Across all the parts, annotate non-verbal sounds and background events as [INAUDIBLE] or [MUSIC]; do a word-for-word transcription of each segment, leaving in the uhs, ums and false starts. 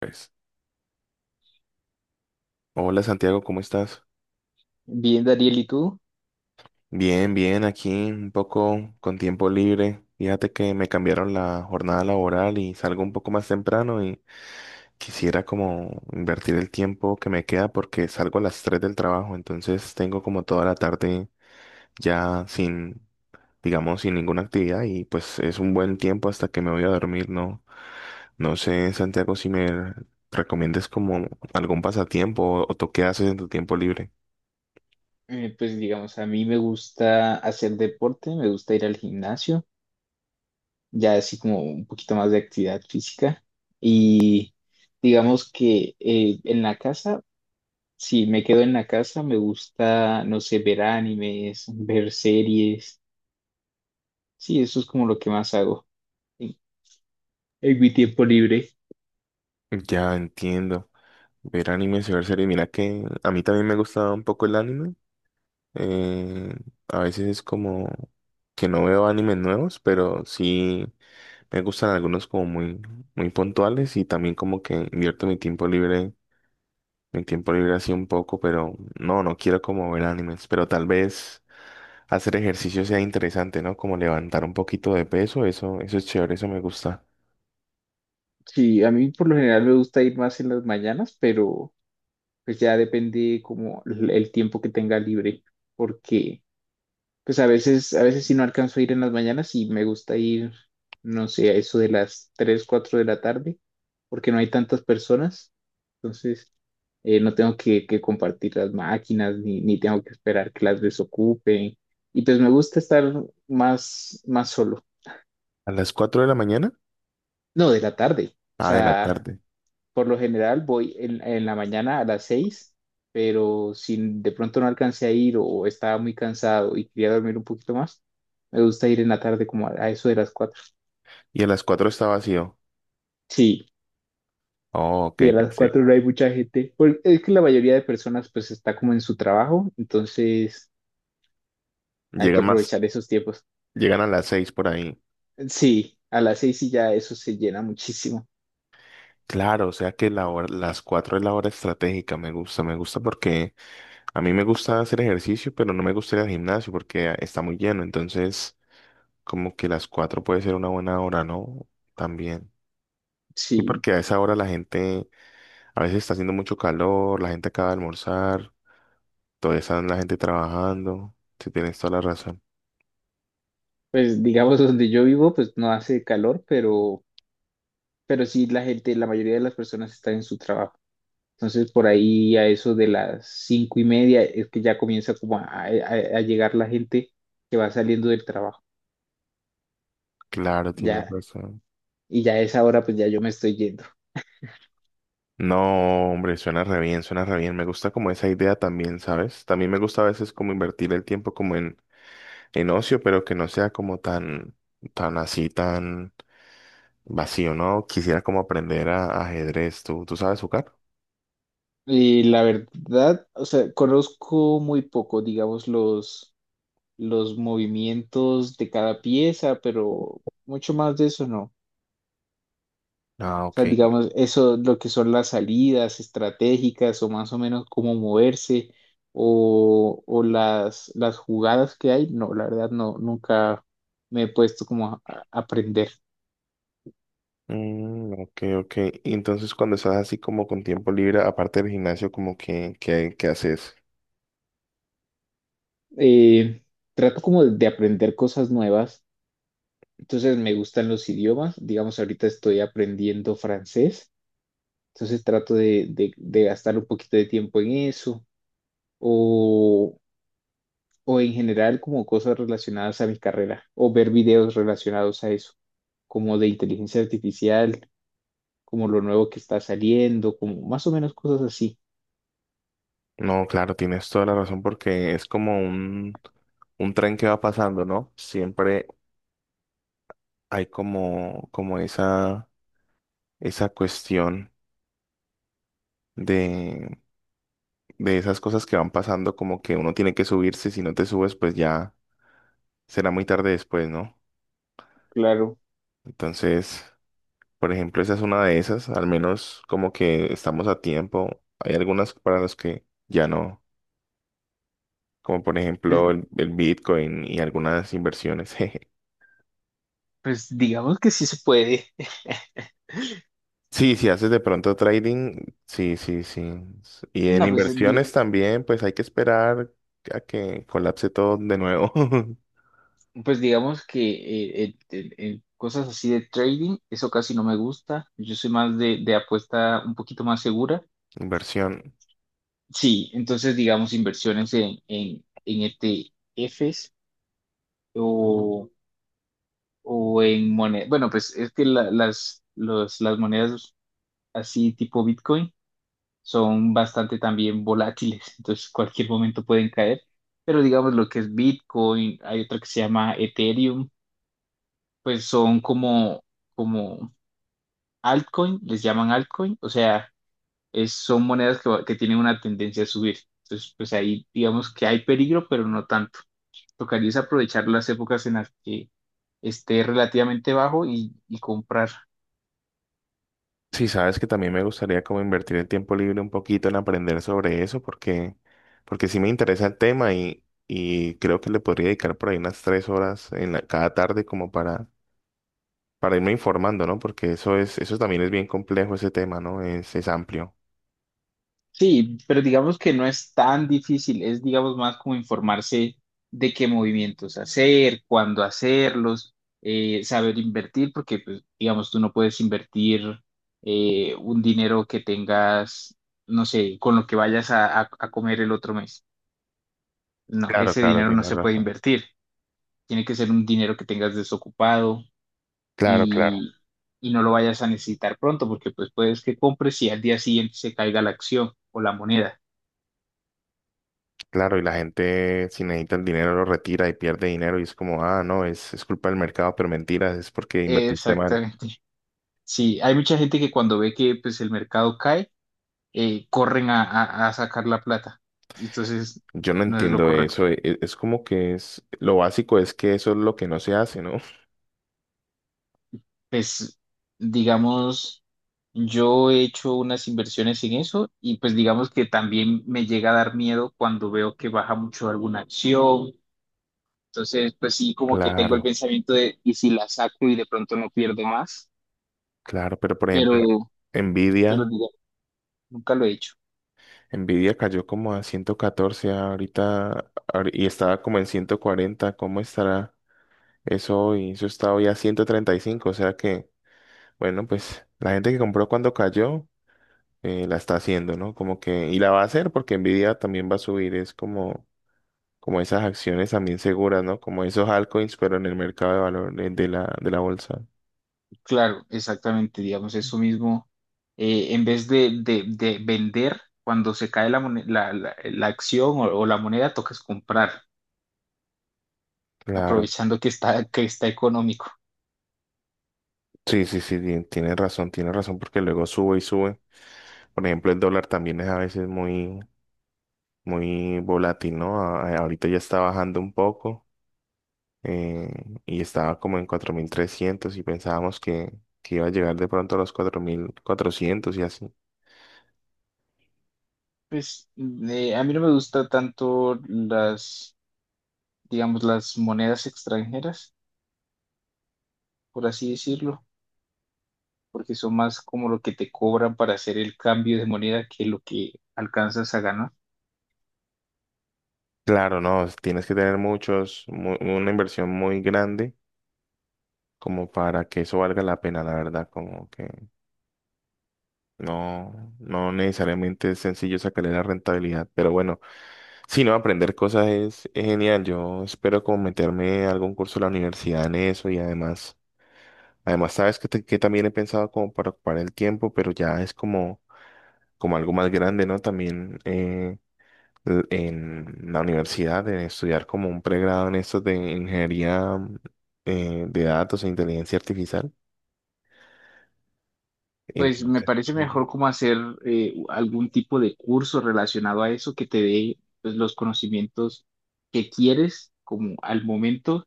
Pues, hola Santiago, ¿cómo estás? Bien, Dariel, ¿y tú? Bien, bien, aquí un poco con tiempo libre. Fíjate que me cambiaron la jornada laboral y salgo un poco más temprano y quisiera como invertir el tiempo que me queda porque salgo a las tres del trabajo, entonces tengo como toda la tarde ya sin, digamos, sin ninguna actividad y pues es un buen tiempo hasta que me voy a dormir, ¿no? No sé, Santiago, si me recomiendes como algún pasatiempo o o tú qué haces en tu tiempo libre. Eh, pues digamos, a mí me gusta hacer deporte, me gusta ir al gimnasio, ya así como un poquito más de actividad física. Y digamos que eh, en la casa, si me quedo en la casa, me gusta, no sé, ver animes, ver series. Sí, eso es como lo que más hago en, en mi tiempo libre. Ya entiendo. Ver anime y ver series. Mira que a mí también me gusta un poco el anime. Eh, a veces es como que no veo animes nuevos, pero sí me gustan algunos como muy, muy puntuales y también como que invierto mi tiempo libre, mi tiempo libre así un poco, pero no, no quiero como ver animes, pero tal vez hacer ejercicio sea interesante, ¿no? Como levantar un poquito de peso, eso, eso es chévere, eso me gusta. Sí, a mí por lo general me gusta ir más en las mañanas, pero pues ya depende como el el tiempo que tenga libre, porque... Pues a veces, a veces sí no alcanzo a ir en las mañanas y me gusta ir, no sé, a eso de las tres cuatro de la tarde, porque no hay tantas personas. Entonces, eh, no tengo que, que compartir las máquinas, ni, ni tengo que esperar que las desocupen. Y pues me gusta estar más, más solo. A las cuatro de la mañana, No, de la tarde. O ah, de la sea, tarde. por lo general voy en, en la mañana a las seis, pero si de pronto no alcancé a ir o estaba muy cansado y quería dormir un poquito más, me gusta ir en la tarde como a, a eso de las cuatro. Y a las cuatro está vacío. Sí, Oh, ok, sí, a las pensé. cuatro no hay mucha gente. Porque es que la mayoría de personas pues está como en su trabajo, entonces hay que Llega más, aprovechar esos tiempos. Llegan a las seis por ahí. Sí, a las seis y ya eso se llena muchísimo. Claro, o sea que la hora- las cuatro es la hora estratégica. Me gusta, me gusta porque a mí me gusta hacer ejercicio, pero no me gusta ir al gimnasio porque ah, está muy lleno. Entonces, como que las cuatro puede ser una buena hora, ¿no? También. Y Sí, porque a esa hora la gente, a veces está haciendo mucho calor, la gente acaba de almorzar, todavía está la gente trabajando. Si tienes toda la razón. pues digamos donde yo vivo pues no hace calor, pero, pero sí la gente, la mayoría de las personas está en su trabajo. Entonces, por ahí a eso de las cinco y media es que ya comienza como a, a- a llegar la gente que va saliendo del trabajo. Claro, tienes Ya, razón. y ya a esa hora, pues ya yo me estoy yendo. No, hombre, suena re bien, suena re bien. Me gusta como esa idea también, ¿sabes? También me gusta a veces como invertir el tiempo como en, en ocio, pero que no sea como tan, tan así, tan vacío, ¿no? Quisiera como aprender a, a ajedrez. ¿Tú, tú sabes jugar? Y la verdad, o sea, conozco muy poco, digamos, los, los movimientos de cada pieza, pero mucho más de eso no. Ah, O ok. sea, digamos, eso, lo que son las salidas estratégicas o más o menos cómo moverse o, o las, las jugadas que hay, no, la verdad no, nunca me he puesto como a, a aprender. Mm, ok, ok. Y entonces cuando estás así como con tiempo libre, aparte del gimnasio, como que, que, que haces. Eh, Trato como de, de aprender cosas nuevas, entonces me gustan los idiomas, digamos, ahorita estoy aprendiendo francés, entonces trato de, de, de gastar un poquito de tiempo en eso o, o en general como cosas relacionadas a mi carrera o ver videos relacionados a eso, como de inteligencia artificial, como lo nuevo que está saliendo, como más o menos cosas así. No, claro, tienes toda la razón porque es como un, un tren que va pasando, ¿no? Siempre hay como, como esa esa cuestión de, de esas cosas que van pasando, como que uno tiene que subirse, si no te subes, pues ya será muy tarde después, ¿no? Claro, Entonces, por ejemplo, esa es una de esas, al menos como que estamos a tiempo. Hay algunas para las que ya no, como por pues, ejemplo el, el Bitcoin y algunas inversiones. [LAUGHS] jeje. pues digamos que sí se puede. [LAUGHS] Sí, si haces de pronto trading, sí, sí, sí. S- Y en No, pues, eh, di- inversiones también, pues hay que esperar a que colapse todo de nuevo. [LAUGHS] Pues digamos que eh, el- el- el- cosas así de trading, eso casi no me gusta. Yo soy más de, de apuesta un poquito más segura. Inversión. Sí, entonces digamos inversiones en, en, en E T Fs o, o en monedas. Bueno, pues es que la- las, los, las monedas así tipo Bitcoin son bastante también volátiles, entonces cualquier momento pueden caer, pero digamos lo que es Bitcoin, hay otra que se llama Ethereum, pues son como, como altcoin, les llaman altcoin, o sea, es, son monedas que, va- que tienen una tendencia a subir, entonces pues ahí digamos que hay peligro, pero no tanto. Tocaría es aprovechar las épocas en las que esté relativamente bajo y, y comprar. Sí, sabes que también me gustaría como invertir el tiempo libre un poquito en aprender sobre eso porque, porque sí me interesa el tema y, y creo que le podría dedicar por ahí unas tres horas en la- cada tarde como para, para irme informando, ¿no? Porque eso es, eso también es bien complejo ese tema, ¿no? Es, es amplio. Sí, pero digamos que no es tan difícil, es digamos más como informarse de qué movimientos hacer, cuándo hacerlos, eh, saber invertir, porque pues, digamos tú no puedes invertir eh, un dinero que tengas, no sé, con lo que vayas a, a- a comer el otro mes. No, Claro, ese claro, dinero no tienes se puede razón. invertir, tiene que ser un dinero que tengas desocupado Claro, claro, y, y no lo vayas a necesitar pronto, porque pues puedes que compres y al día siguiente se caiga la acción o la moneda. claro. Y la gente si necesita el dinero lo retira y pierde dinero y es como, ah, no, es, es culpa del mercado, pero mentiras, es porque invertiste mal. Exactamente. Sí, hay mucha gente que cuando ve que pues el mercado cae, eh, corren a, a- a sacar la plata. Entonces, Yo no no es lo entiendo correcto. eso. e- e- Es, como que es, lo básico es que eso es lo que no se hace, ¿no? [LAUGHS] Pues, digamos, yo he hecho unas inversiones en eso y pues digamos que también me llega a dar miedo cuando veo que baja mucho alguna acción. Entonces, pues sí, como que tengo Claro, el pensamiento de, ¿y si la saco y de pronto no pierdo más? claro, pero por Pero, ejemplo, pero Nvidia, digo, nunca lo he hecho. Nvidia cayó como a ciento catorce ahorita ahori- y estaba como en ciento cuarenta, ¿cómo estará eso hoy? Eso está hoy a ciento treinta y cinco, o sea que, bueno, pues la gente que compró cuando cayó, eh, la está haciendo, ¿no? Como que, y la va a hacer porque Nvidia también va a subir, es como... como esas acciones también seguras, ¿no? Como esos altcoins, pero en el mercado de valores de la, de la, bolsa. Claro, exactamente, digamos, eso mismo, eh, en vez de, de- de vender, cuando se cae la, mone- la, la- la acción o, o la moneda, tocas comprar, Claro. aprovechando que está, que está económico. Sí, sí, sí, tien- tienes razón, tienes razón, porque luego sube y sube. Por ejemplo, el dólar también es a veces muy, muy volátil, ¿no? A- ahorita ya está bajando un poco eh, y estaba como en cuatro mil trescientos y pensábamos que, que iba a llegar de pronto a los cuatro mil cuatrocientos y así. Pues eh, a mí no me gusta tanto las, digamos, las monedas extranjeras, por así decirlo, porque son más como lo que te cobran para hacer el cambio de moneda que lo que alcanzas a ganar. Claro, no, tienes que tener muchos, mu- una inversión muy grande como para que eso valga la pena, la verdad, como que no, no necesariamente es sencillo sacarle la rentabilidad, pero bueno, si no, aprender cosas es, es genial, yo espero como meterme a algún curso de la universidad en eso y además, además sabes que, te- que también he pensado como para ocupar el tiempo, pero ya es como, como algo más grande, ¿no? También eh, l- en la universidad, de estudiar como un pregrado en esto de ingeniería eh, de datos e inteligencia artificial, Pues me entonces... parece ujú. mejor como hacer eh, algún tipo de curso relacionado a eso que te dé pues, los conocimientos que quieres como al momento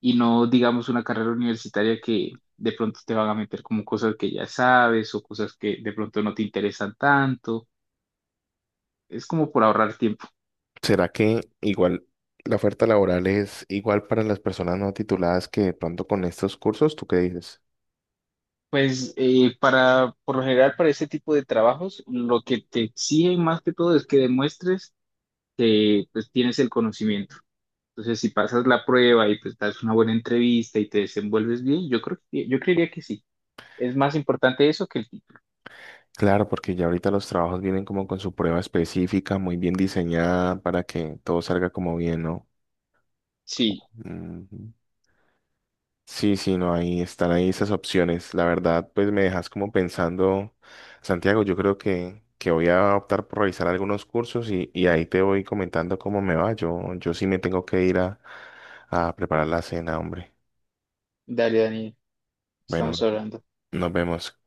y no digamos una carrera universitaria que de pronto te van a meter como cosas que ya sabes o cosas que de pronto no te interesan tanto. Es como por ahorrar tiempo. ¿Será que igual la oferta laboral es igual para las personas no tituladas que de pronto con estos cursos? ¿Tú qué dices? Pues eh, para, por lo general para ese tipo de trabajos lo que te exigen más que todo es que demuestres que pues, tienes el conocimiento. Entonces, si pasas la prueba y pues das una buena entrevista y te desenvuelves bien, yo creo que, yo creería que sí. Es más importante eso que el título. Claro, porque ya ahorita los trabajos vienen como con su prueba específica, muy bien diseñada para que todo salga como bien, ¿no? Como- Sí, Ujú. Sí, sí, no, ahí están ahí esas opciones. La verdad, pues me dejas como pensando, Santiago, yo creo que, que voy a optar por revisar algunos cursos y, y ahí te voy comentando cómo me va. Yo, yo sí me tengo que ir a, a preparar la cena, hombre. dale, Dani, Bueno, estamos hablando. nos vemos.